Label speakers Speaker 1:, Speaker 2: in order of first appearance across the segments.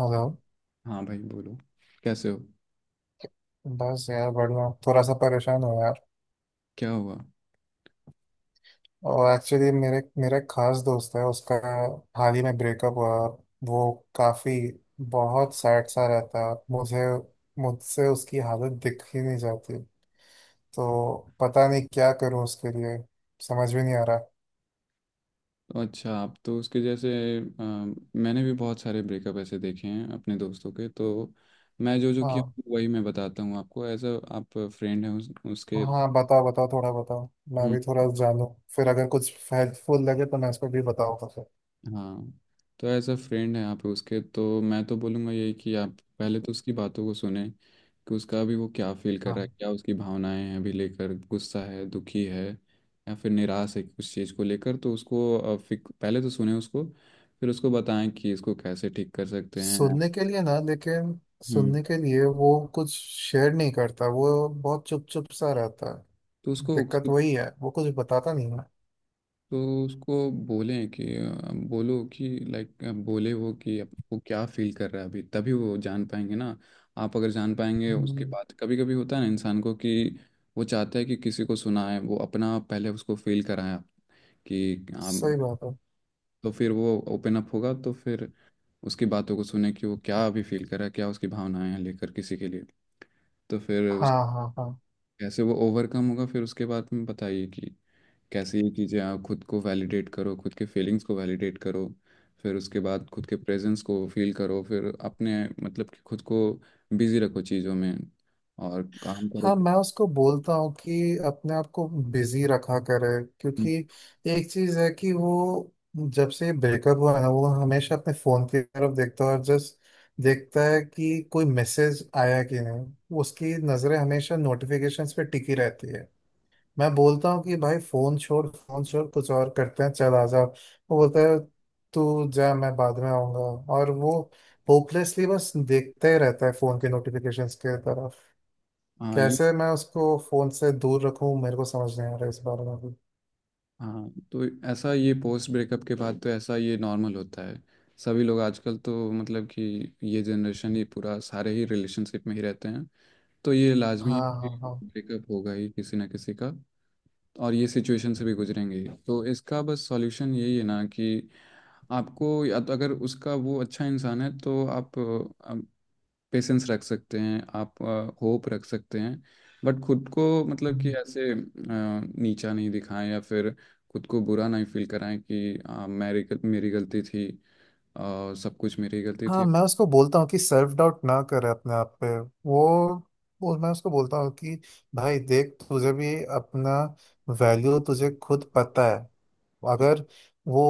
Speaker 1: Hello.
Speaker 2: हाँ भाई बोलो। कैसे हो?
Speaker 1: बस यार बढ़िया, थोड़ा सा परेशान हूँ यार।
Speaker 2: क्या हुआ?
Speaker 1: और एक्चुअली मेरे मेरा एक खास दोस्त है, उसका हाल ही में ब्रेकअप हुआ। और वो काफ़ी, बहुत सैड सा रहता है। मुझे, मुझसे उसकी हालत दिख ही नहीं जाती। तो पता नहीं क्या करूँ उसके लिए, समझ भी नहीं आ रहा।
Speaker 2: अच्छा, आप तो उसके जैसे अ, मैंने भी बहुत सारे ब्रेकअप ऐसे देखे हैं अपने दोस्तों के। तो मैं जो जो किया
Speaker 1: हाँ,
Speaker 2: वही मैं बताता हूँ आपको। एज अ आप फ्रेंड हैं उसके।
Speaker 1: हाँ, बताओ बताओ, थोड़ा बताओ, मैं भी थोड़ा जानूँ। फिर अगर कुछ हेल्पफुल लगे तो मैं इसको भी बताऊँगा फिर।
Speaker 2: हाँ, तो एज अ फ्रेंड है आप उसके, तो मैं तो बोलूँगा यही कि आप पहले तो उसकी बातों को सुने कि उसका अभी वो क्या फील कर रहा है,
Speaker 1: हाँ।
Speaker 2: क्या उसकी भावनाएं हैं अभी लेकर, गुस्सा है, दुखी है या फिर निराश है कुछ चीज़ को लेकर। तो उसको पहले तो सुने उसको। फिर उसको बताएं कि इसको कैसे ठीक कर सकते हैं।
Speaker 1: सुनने के लिए ना, लेकिन
Speaker 2: हम्म।
Speaker 1: सुनने के लिए वो कुछ शेयर नहीं करता। वो बहुत चुप चुप सा रहता
Speaker 2: तो
Speaker 1: है।
Speaker 2: उसको,
Speaker 1: दिक्कत वही है, वो कुछ बताता नहीं है।
Speaker 2: तो उसको बोलें कि बोलो कि लाइक बोले वो कि वो क्या फील कर रहा है अभी, तभी वो जान पाएंगे ना। आप अगर जान पाएंगे, उसके
Speaker 1: हम्म,
Speaker 2: बाद कभी कभी होता है ना इंसान को कि वो चाहता है कि किसी को सुनाए वो अपना। पहले उसको फील कराए आप कि आप।
Speaker 1: सही बात है।
Speaker 2: तो फिर वो ओपन अप होगा, तो फिर उसकी बातों को सुने कि वो क्या अभी फील कर रहा है, क्या उसकी भावनाएं हैं लेकर किसी के लिए। तो फिर उस
Speaker 1: हाँ, हाँ, हाँ।
Speaker 2: कैसे वो ओवरकम होगा, फिर उसके बाद में बताइए कि कैसे ये चीज़ें। आप खुद को वैलिडेट करो, खुद के फीलिंग्स को वैलिडेट करो। फिर उसके बाद खुद के प्रेजेंस को फील करो। फिर अपने मतलब कि खुद को बिजी रखो चीज़ों में और काम
Speaker 1: हाँ,
Speaker 2: करो।
Speaker 1: मैं उसको बोलता हूँ कि अपने आप को बिजी रखा करे। क्योंकि एक चीज़ है कि वो, जब से ब्रेकअप हुआ है ना, वो हमेशा अपने फ़ोन की तरफ देखता है। और जस्ट देखता है कि कोई मैसेज आया कि नहीं। उसकी नज़रें हमेशा नोटिफिकेशंस पे टिकी रहती है। मैं बोलता हूँ कि भाई फोन छोड़, फोन छोड़, कुछ और करते हैं, चल आ जाओ। वो बोलता है, तू जा, मैं बाद में आऊंगा। और वो होपलेसली बस देखता ही रहता है फोन के नोटिफिकेशंस के तरफ।
Speaker 2: हाँ ये।
Speaker 1: कैसे मैं उसको फोन से दूर रखूं, मेरे को समझ नहीं आ रहा है इस बारे में भी।
Speaker 2: हाँ, तो ऐसा ये पोस्ट ब्रेकअप के बाद तो ऐसा ये नॉर्मल होता है। सभी लोग आजकल तो मतलब कि ये जनरेशन ही पूरा सारे ही रिलेशनशिप में ही रहते हैं। तो ये लाजमी है
Speaker 1: हाँ,
Speaker 2: कि
Speaker 1: हाँ, हाँ।
Speaker 2: ब्रेकअप होगा ही किसी ना किसी का और ये सिचुएशन से भी गुजरेंगे ही। तो इसका बस सॉल्यूशन यही है ना कि आपको या तो, अगर उसका वो अच्छा इंसान है तो आप पेशेंस रख सकते हैं, आप होप रख सकते हैं। बट खुद को मतलब कि
Speaker 1: हम्म।
Speaker 2: ऐसे नीचा नहीं दिखाएं या फिर खुद को बुरा नहीं फील कराएं कि मेरी गलती थी। सब कुछ मेरी गलती
Speaker 1: हाँ,
Speaker 2: थी।
Speaker 1: मैं उसको बोलता हूँ कि सेल्फ डाउट ना करे अपने आप पे। वो वो मैं उसको बोलता हूँ कि भाई देख, तुझे भी अपना वैल्यू तुझे खुद पता है। अगर वो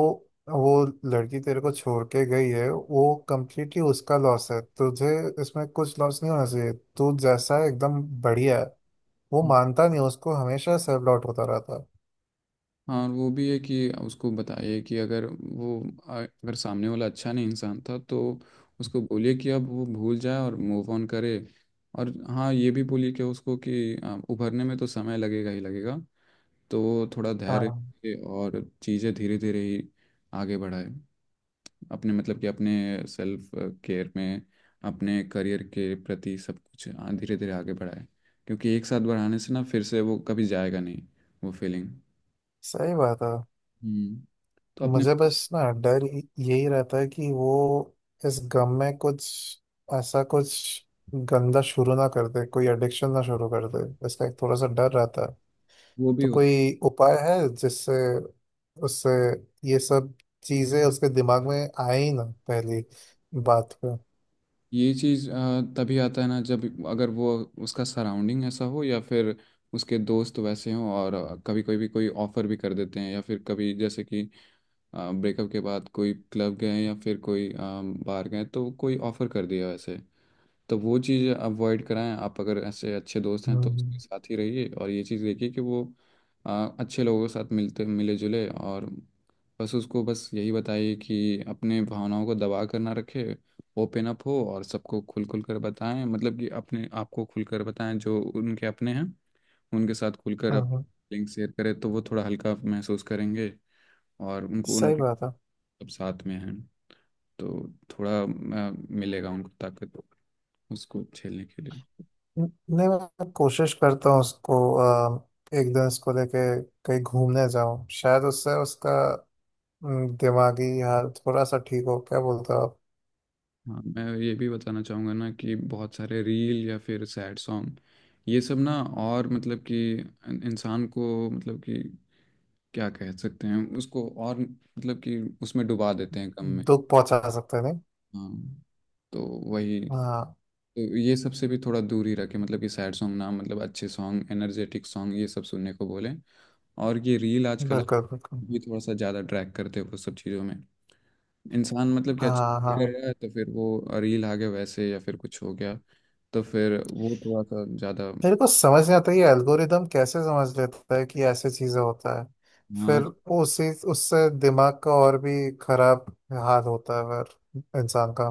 Speaker 1: वो लड़की तेरे को छोड़ के गई है, वो कंप्लीटली उसका लॉस है। तुझे इसमें कुछ लॉस नहीं होना चाहिए। तू जैसा है, एकदम बढ़िया है। वो मानता नहीं, उसको हमेशा सेल्फ डाउट होता रहता है।
Speaker 2: हाँ और वो भी है कि उसको बताइए कि अगर वो अगर सामने वाला अच्छा नहीं इंसान था, तो उसको बोलिए कि अब वो भूल जाए और मूव ऑन करे। और हाँ ये भी बोलिए कि उसको कि उभरने में तो समय लगेगा ही लगेगा। तो वो थोड़ा
Speaker 1: हाँ,
Speaker 2: धैर्य रखे और चीज़ें धीरे धीरे ही आगे बढ़ाए। अपने मतलब कि अपने सेल्फ केयर में, अपने करियर के प्रति सब कुछ धीरे धीरे आगे बढ़ाए। क्योंकि एक साथ बढ़ाने से ना फिर से वो कभी जाएगा नहीं वो फीलिंग।
Speaker 1: सही बात है।
Speaker 2: हम्म। तो अपने
Speaker 1: मुझे बस ना डर यही रहता है कि वो इस गम में कुछ ऐसा कुछ गंदा शुरू ना कर दे, कोई एडिक्शन ना शुरू कर दे, इसका एक थोड़ा सा डर रहता है।
Speaker 2: वो भी
Speaker 1: तो
Speaker 2: होता।
Speaker 1: कोई उपाय है जिससे उससे ये सब चीजें उसके दिमाग में आए ही ना पहली बात पे।
Speaker 2: ये चीज तभी आता है ना जब अगर वो उसका सराउंडिंग ऐसा हो या फिर उसके दोस्त वैसे हों और कभी कोई भी कोई ऑफर भी कर देते हैं या फिर कभी जैसे कि ब्रेकअप के बाद कोई क्लब गए या फिर कोई बाहर गए तो कोई ऑफर कर दिया वैसे। तो वो चीज़ अवॉइड कराएं आप। अगर ऐसे अच्छे दोस्त हैं तो
Speaker 1: हम्म।
Speaker 2: उसके साथ ही रहिए और ये चीज़ देखिए कि वो अच्छे लोगों के साथ मिलते मिले जुले। और बस उसको बस यही बताइए कि अपने भावनाओं को दबा कर ना रखे। ओपन अप हो और सबको खुल खुल कर बताएं मतलब कि अपने आपको खुल कर बताएं जो उनके अपने हैं, उनके साथ खुल कर आप
Speaker 1: हम्म,
Speaker 2: लिंक शेयर करें तो वो थोड़ा हल्का महसूस करेंगे और उनको
Speaker 1: सही
Speaker 2: लगे
Speaker 1: बात है।
Speaker 2: सब साथ में हैं। तो थोड़ा आ, मिलेगा उनको ताकत उसको झेलने के लिए।
Speaker 1: न- नहीं, मैं कोशिश करता हूँ उसको, एक दिन उसको लेके कहीं घूमने जाऊँ, शायद उससे उसका, दिमागी हाल थोड़ा सा ठीक हो। क्या बोलते हो आप?
Speaker 2: हाँ, मैं ये भी बताना चाहूँगा ना कि बहुत सारे रील या फिर सैड सॉन्ग ये सब ना और मतलब कि इंसान को मतलब कि क्या कह सकते हैं उसको और मतलब कि उसमें डुबा देते हैं गम में।
Speaker 1: दुख पहुंचा सकते हैं नहीं?
Speaker 2: हाँ, तो वही।
Speaker 1: हाँ।
Speaker 2: तो ये सब से भी थोड़ा दूर ही रखें। मतलब कि सैड सॉन्ग ना, मतलब अच्छे सॉन्ग, एनर्जेटिक सॉन्ग ये सब सुनने को बोलें। और ये रील आजकल
Speaker 1: बिल्कुल बिल्कुल।
Speaker 2: भी थोड़ा सा ज़्यादा ड्रैग करते हैं वो सब चीज़ों में। इंसान मतलब कि अच्छा
Speaker 1: हाँ, हाँ।
Speaker 2: करेगा तो फिर वो रील आ गया वैसे या फिर कुछ हो गया, तो फिर वो थोड़ा सा ज़्यादा।
Speaker 1: मेरे को समझ नहीं आता ये एल्गोरिदम कैसे समझ लेता है कि ऐसे चीजें होता है। फिर
Speaker 2: आज
Speaker 1: वो उसी, उससे दिमाग का और भी खराब हाल होता है फिर इंसान का।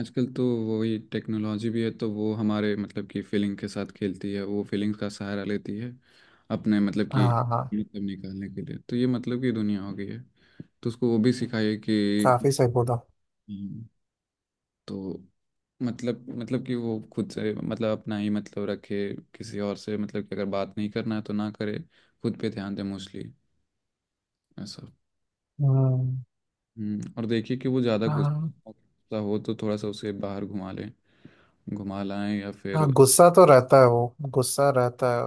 Speaker 2: आजकल तो वही टेक्नोलॉजी भी है, तो वो हमारे मतलब कि फीलिंग के साथ खेलती है, वो फीलिंग्स का सहारा लेती है अपने मतलब कि
Speaker 1: हाँ, हाँ,
Speaker 2: मतलब निकालने के लिए। तो ये मतलब कि दुनिया हो गई है। तो उसको वो भी सिखाइए कि
Speaker 1: काफी सही बोला।
Speaker 2: हम्म, तो मतलब, मतलब कि वो खुद से मतलब अपना ही मतलब रखे। किसी और से मतलब कि अगर बात नहीं करना है तो ना करे। खुद पे ध्यान दे मोस्टली, ऐसा।
Speaker 1: हम्म।
Speaker 2: हम्म। और देखिए कि वो ज़्यादा
Speaker 1: हाँ।
Speaker 2: गुस्सा गुस्सा हो तो थोड़ा सा उसे बाहर घुमा लें, घुमा लाएं या फिर
Speaker 1: हाँ, गुस्सा तो रहता है, वो गुस्सा रहता है।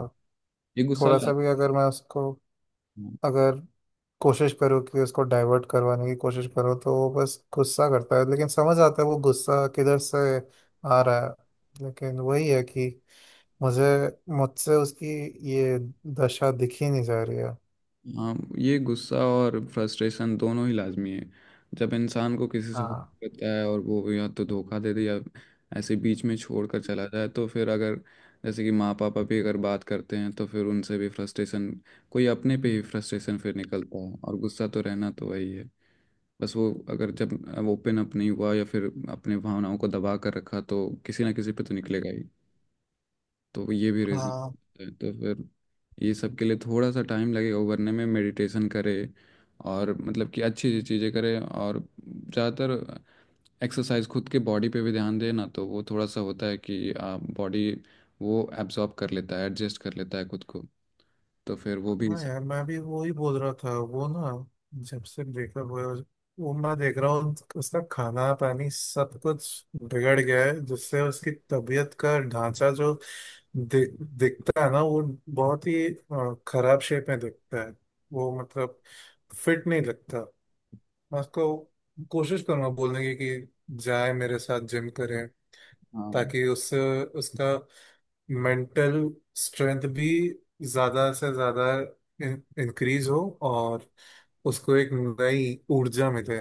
Speaker 2: ये गुस्सा
Speaker 1: थोड़ा
Speaker 2: ला।
Speaker 1: सा भी अगर मैं उसको,
Speaker 2: हाँ,
Speaker 1: अगर कोशिश करूँ कि उसको डाइवर्ट करवाने की कोशिश करूँ, तो वो बस गुस्सा करता है। लेकिन समझ आता है वो गुस्सा किधर से आ रहा है। लेकिन वही है कि मुझे, मुझसे उसकी ये दशा दिख ही नहीं जा रही है।
Speaker 2: हाँ, ये गुस्सा और फ्रस्ट्रेशन दोनों ही लाजमी है। जब इंसान को किसी से हो
Speaker 1: हाँ,
Speaker 2: रहता है और वो या तो धोखा दे दे या ऐसे बीच में छोड़ कर चला जाए, तो फिर अगर जैसे कि माँ पापा भी अगर बात करते हैं तो फिर उनसे भी फ्रस्ट्रेशन, कोई अपने पे ही फ्रस्ट्रेशन फिर निकलता है। और गुस्सा तो रहना तो वही है। बस वो अगर जब ओपन अप नहीं हुआ या फिर अपने भावनाओं को दबा कर रखा, तो किसी ना किसी पे तो निकलेगा ही। तो ये भी रीजन
Speaker 1: हाँ।
Speaker 2: है। तो फिर ये सब के लिए थोड़ा सा टाइम लगेगा उभरने में। मेडिटेशन करे और मतलब कि अच्छी चीज़ें करे और ज़्यादातर एक्सरसाइज, खुद के बॉडी पे भी ध्यान दे ना, तो वो थोड़ा सा होता है कि आप बॉडी वो एब्जॉर्ब कर लेता है, एडजस्ट कर लेता है खुद को। तो फिर वो भी।
Speaker 1: हाँ यार, मैं भी वो ही बोल रहा था वो ना, जब से ब्रेकअप हुआ है, वो मैं देख रहा हूँ, उसका खाना पानी सब कुछ बिगड़ गया है। जिससे उसकी तबीयत का ढांचा जो दिखता है ना, वो बहुत ही खराब शेप में दिखता है। वो मतलब फिट नहीं लगता। मैं उसको कोशिश करूंगा बोलने की कि जाए मेरे साथ जिम करे,
Speaker 2: हाँ,
Speaker 1: ताकि उससे उसका मेंटल स्ट्रेंथ भी ज्यादा से ज्यादा इंक्रीज हो, और उसको एक नई ऊर्जा मिले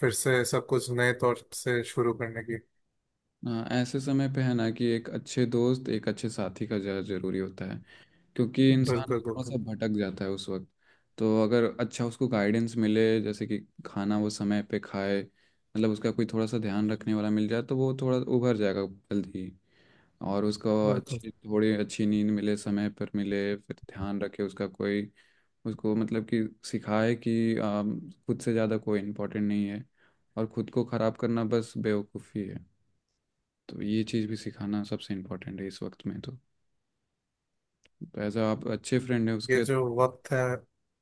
Speaker 1: फिर से सब कुछ नए तौर से शुरू करने की।
Speaker 2: हाँ, ऐसे समय पे है ना कि एक अच्छे दोस्त, एक अच्छे साथी का ज़्यादा जरूरी होता है। क्योंकि इंसान
Speaker 1: बिल्कुल बिल्कुल
Speaker 2: थोड़ा सा भटक जाता है उस वक्त। तो अगर अच्छा उसको गाइडेंस मिले, जैसे कि खाना वो समय पे खाए, मतलब उसका कोई थोड़ा सा ध्यान रखने वाला मिल जाए तो वो थोड़ा उभर जाएगा जल्दी ही। और उसको
Speaker 1: बिल्कुल।
Speaker 2: अच्छी थोड़ी अच्छी नींद मिले, समय पर मिले, फिर ध्यान रखे उसका कोई। उसको मतलब कि सिखाए कि खुद से ज़्यादा कोई इम्पोर्टेंट नहीं है। और खुद को ख़राब करना बस बेवकूफ़ी है। तो ये चीज़ भी सिखाना सबसे इम्पोर्टेंट है इस वक्त में तो। एज आप अच्छे फ्रेंड हैं
Speaker 1: ये
Speaker 2: उसके तो।
Speaker 1: जो वक्त है।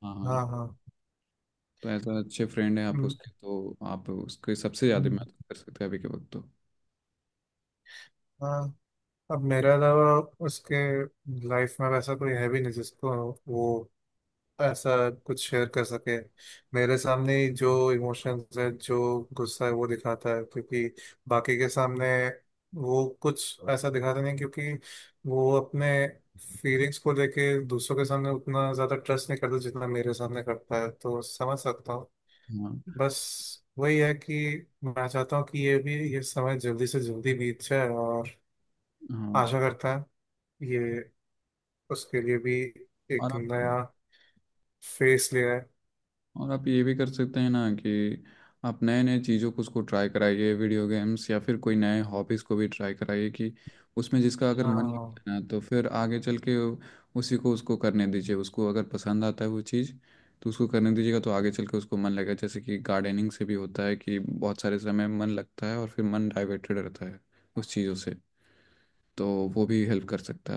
Speaker 2: हाँ हाँ,
Speaker 1: हाँ, हाँ।
Speaker 2: तो एज अ अच्छे फ्रेंड हैं आप
Speaker 1: हम्म,
Speaker 2: उसके, तो आप उसके सबसे ज़्यादा
Speaker 1: हम्म,
Speaker 2: मदद कर सकते हैं अभी के वक्त तो।
Speaker 1: हाँ। अब मेरे अलावा उसके लाइफ में वैसा कोई है भी नहीं जिसको वो ऐसा कुछ शेयर कर सके। मेरे सामने ही जो इमोशंस है, जो गुस्सा है वो दिखाता है, क्योंकि बाकी के सामने वो कुछ ऐसा दिखाता नहीं। क्योंकि वो अपने फीलिंग्स को लेके दूसरों के सामने उतना ज़्यादा ट्रस्ट नहीं करता जितना मेरे सामने करता है, तो समझ सकता हूँ।
Speaker 2: हाँ।
Speaker 1: बस वही है कि मैं चाहता हूँ कि ये भी, ये समय जल्दी से जल्दी बीत जाए, और
Speaker 2: हाँ
Speaker 1: आशा करता है ये उसके लिए भी
Speaker 2: और
Speaker 1: एक
Speaker 2: आप,
Speaker 1: नया फेस ले आए।
Speaker 2: और आप ये भी कर सकते हैं ना कि आप नए नए चीज़ों को उसको ट्राई कराइए, वीडियो गेम्स या फिर कोई नए हॉबीज़ को भी ट्राई कराइए कि उसमें जिसका अगर मन
Speaker 1: हाँ।
Speaker 2: लगता है ना तो फिर आगे चल के उसी को उसको करने दीजिए। उसको अगर पसंद आता है वो चीज़ तो उसको करने दीजिएगा तो आगे चल के उसको मन लगेगा। जैसे कि गार्डनिंग से भी होता है कि बहुत सारे समय मन लगता है और फिर मन डाइवर्टेड रहता है उस चीज़ों से। तो वो भी हेल्प कर सकता है।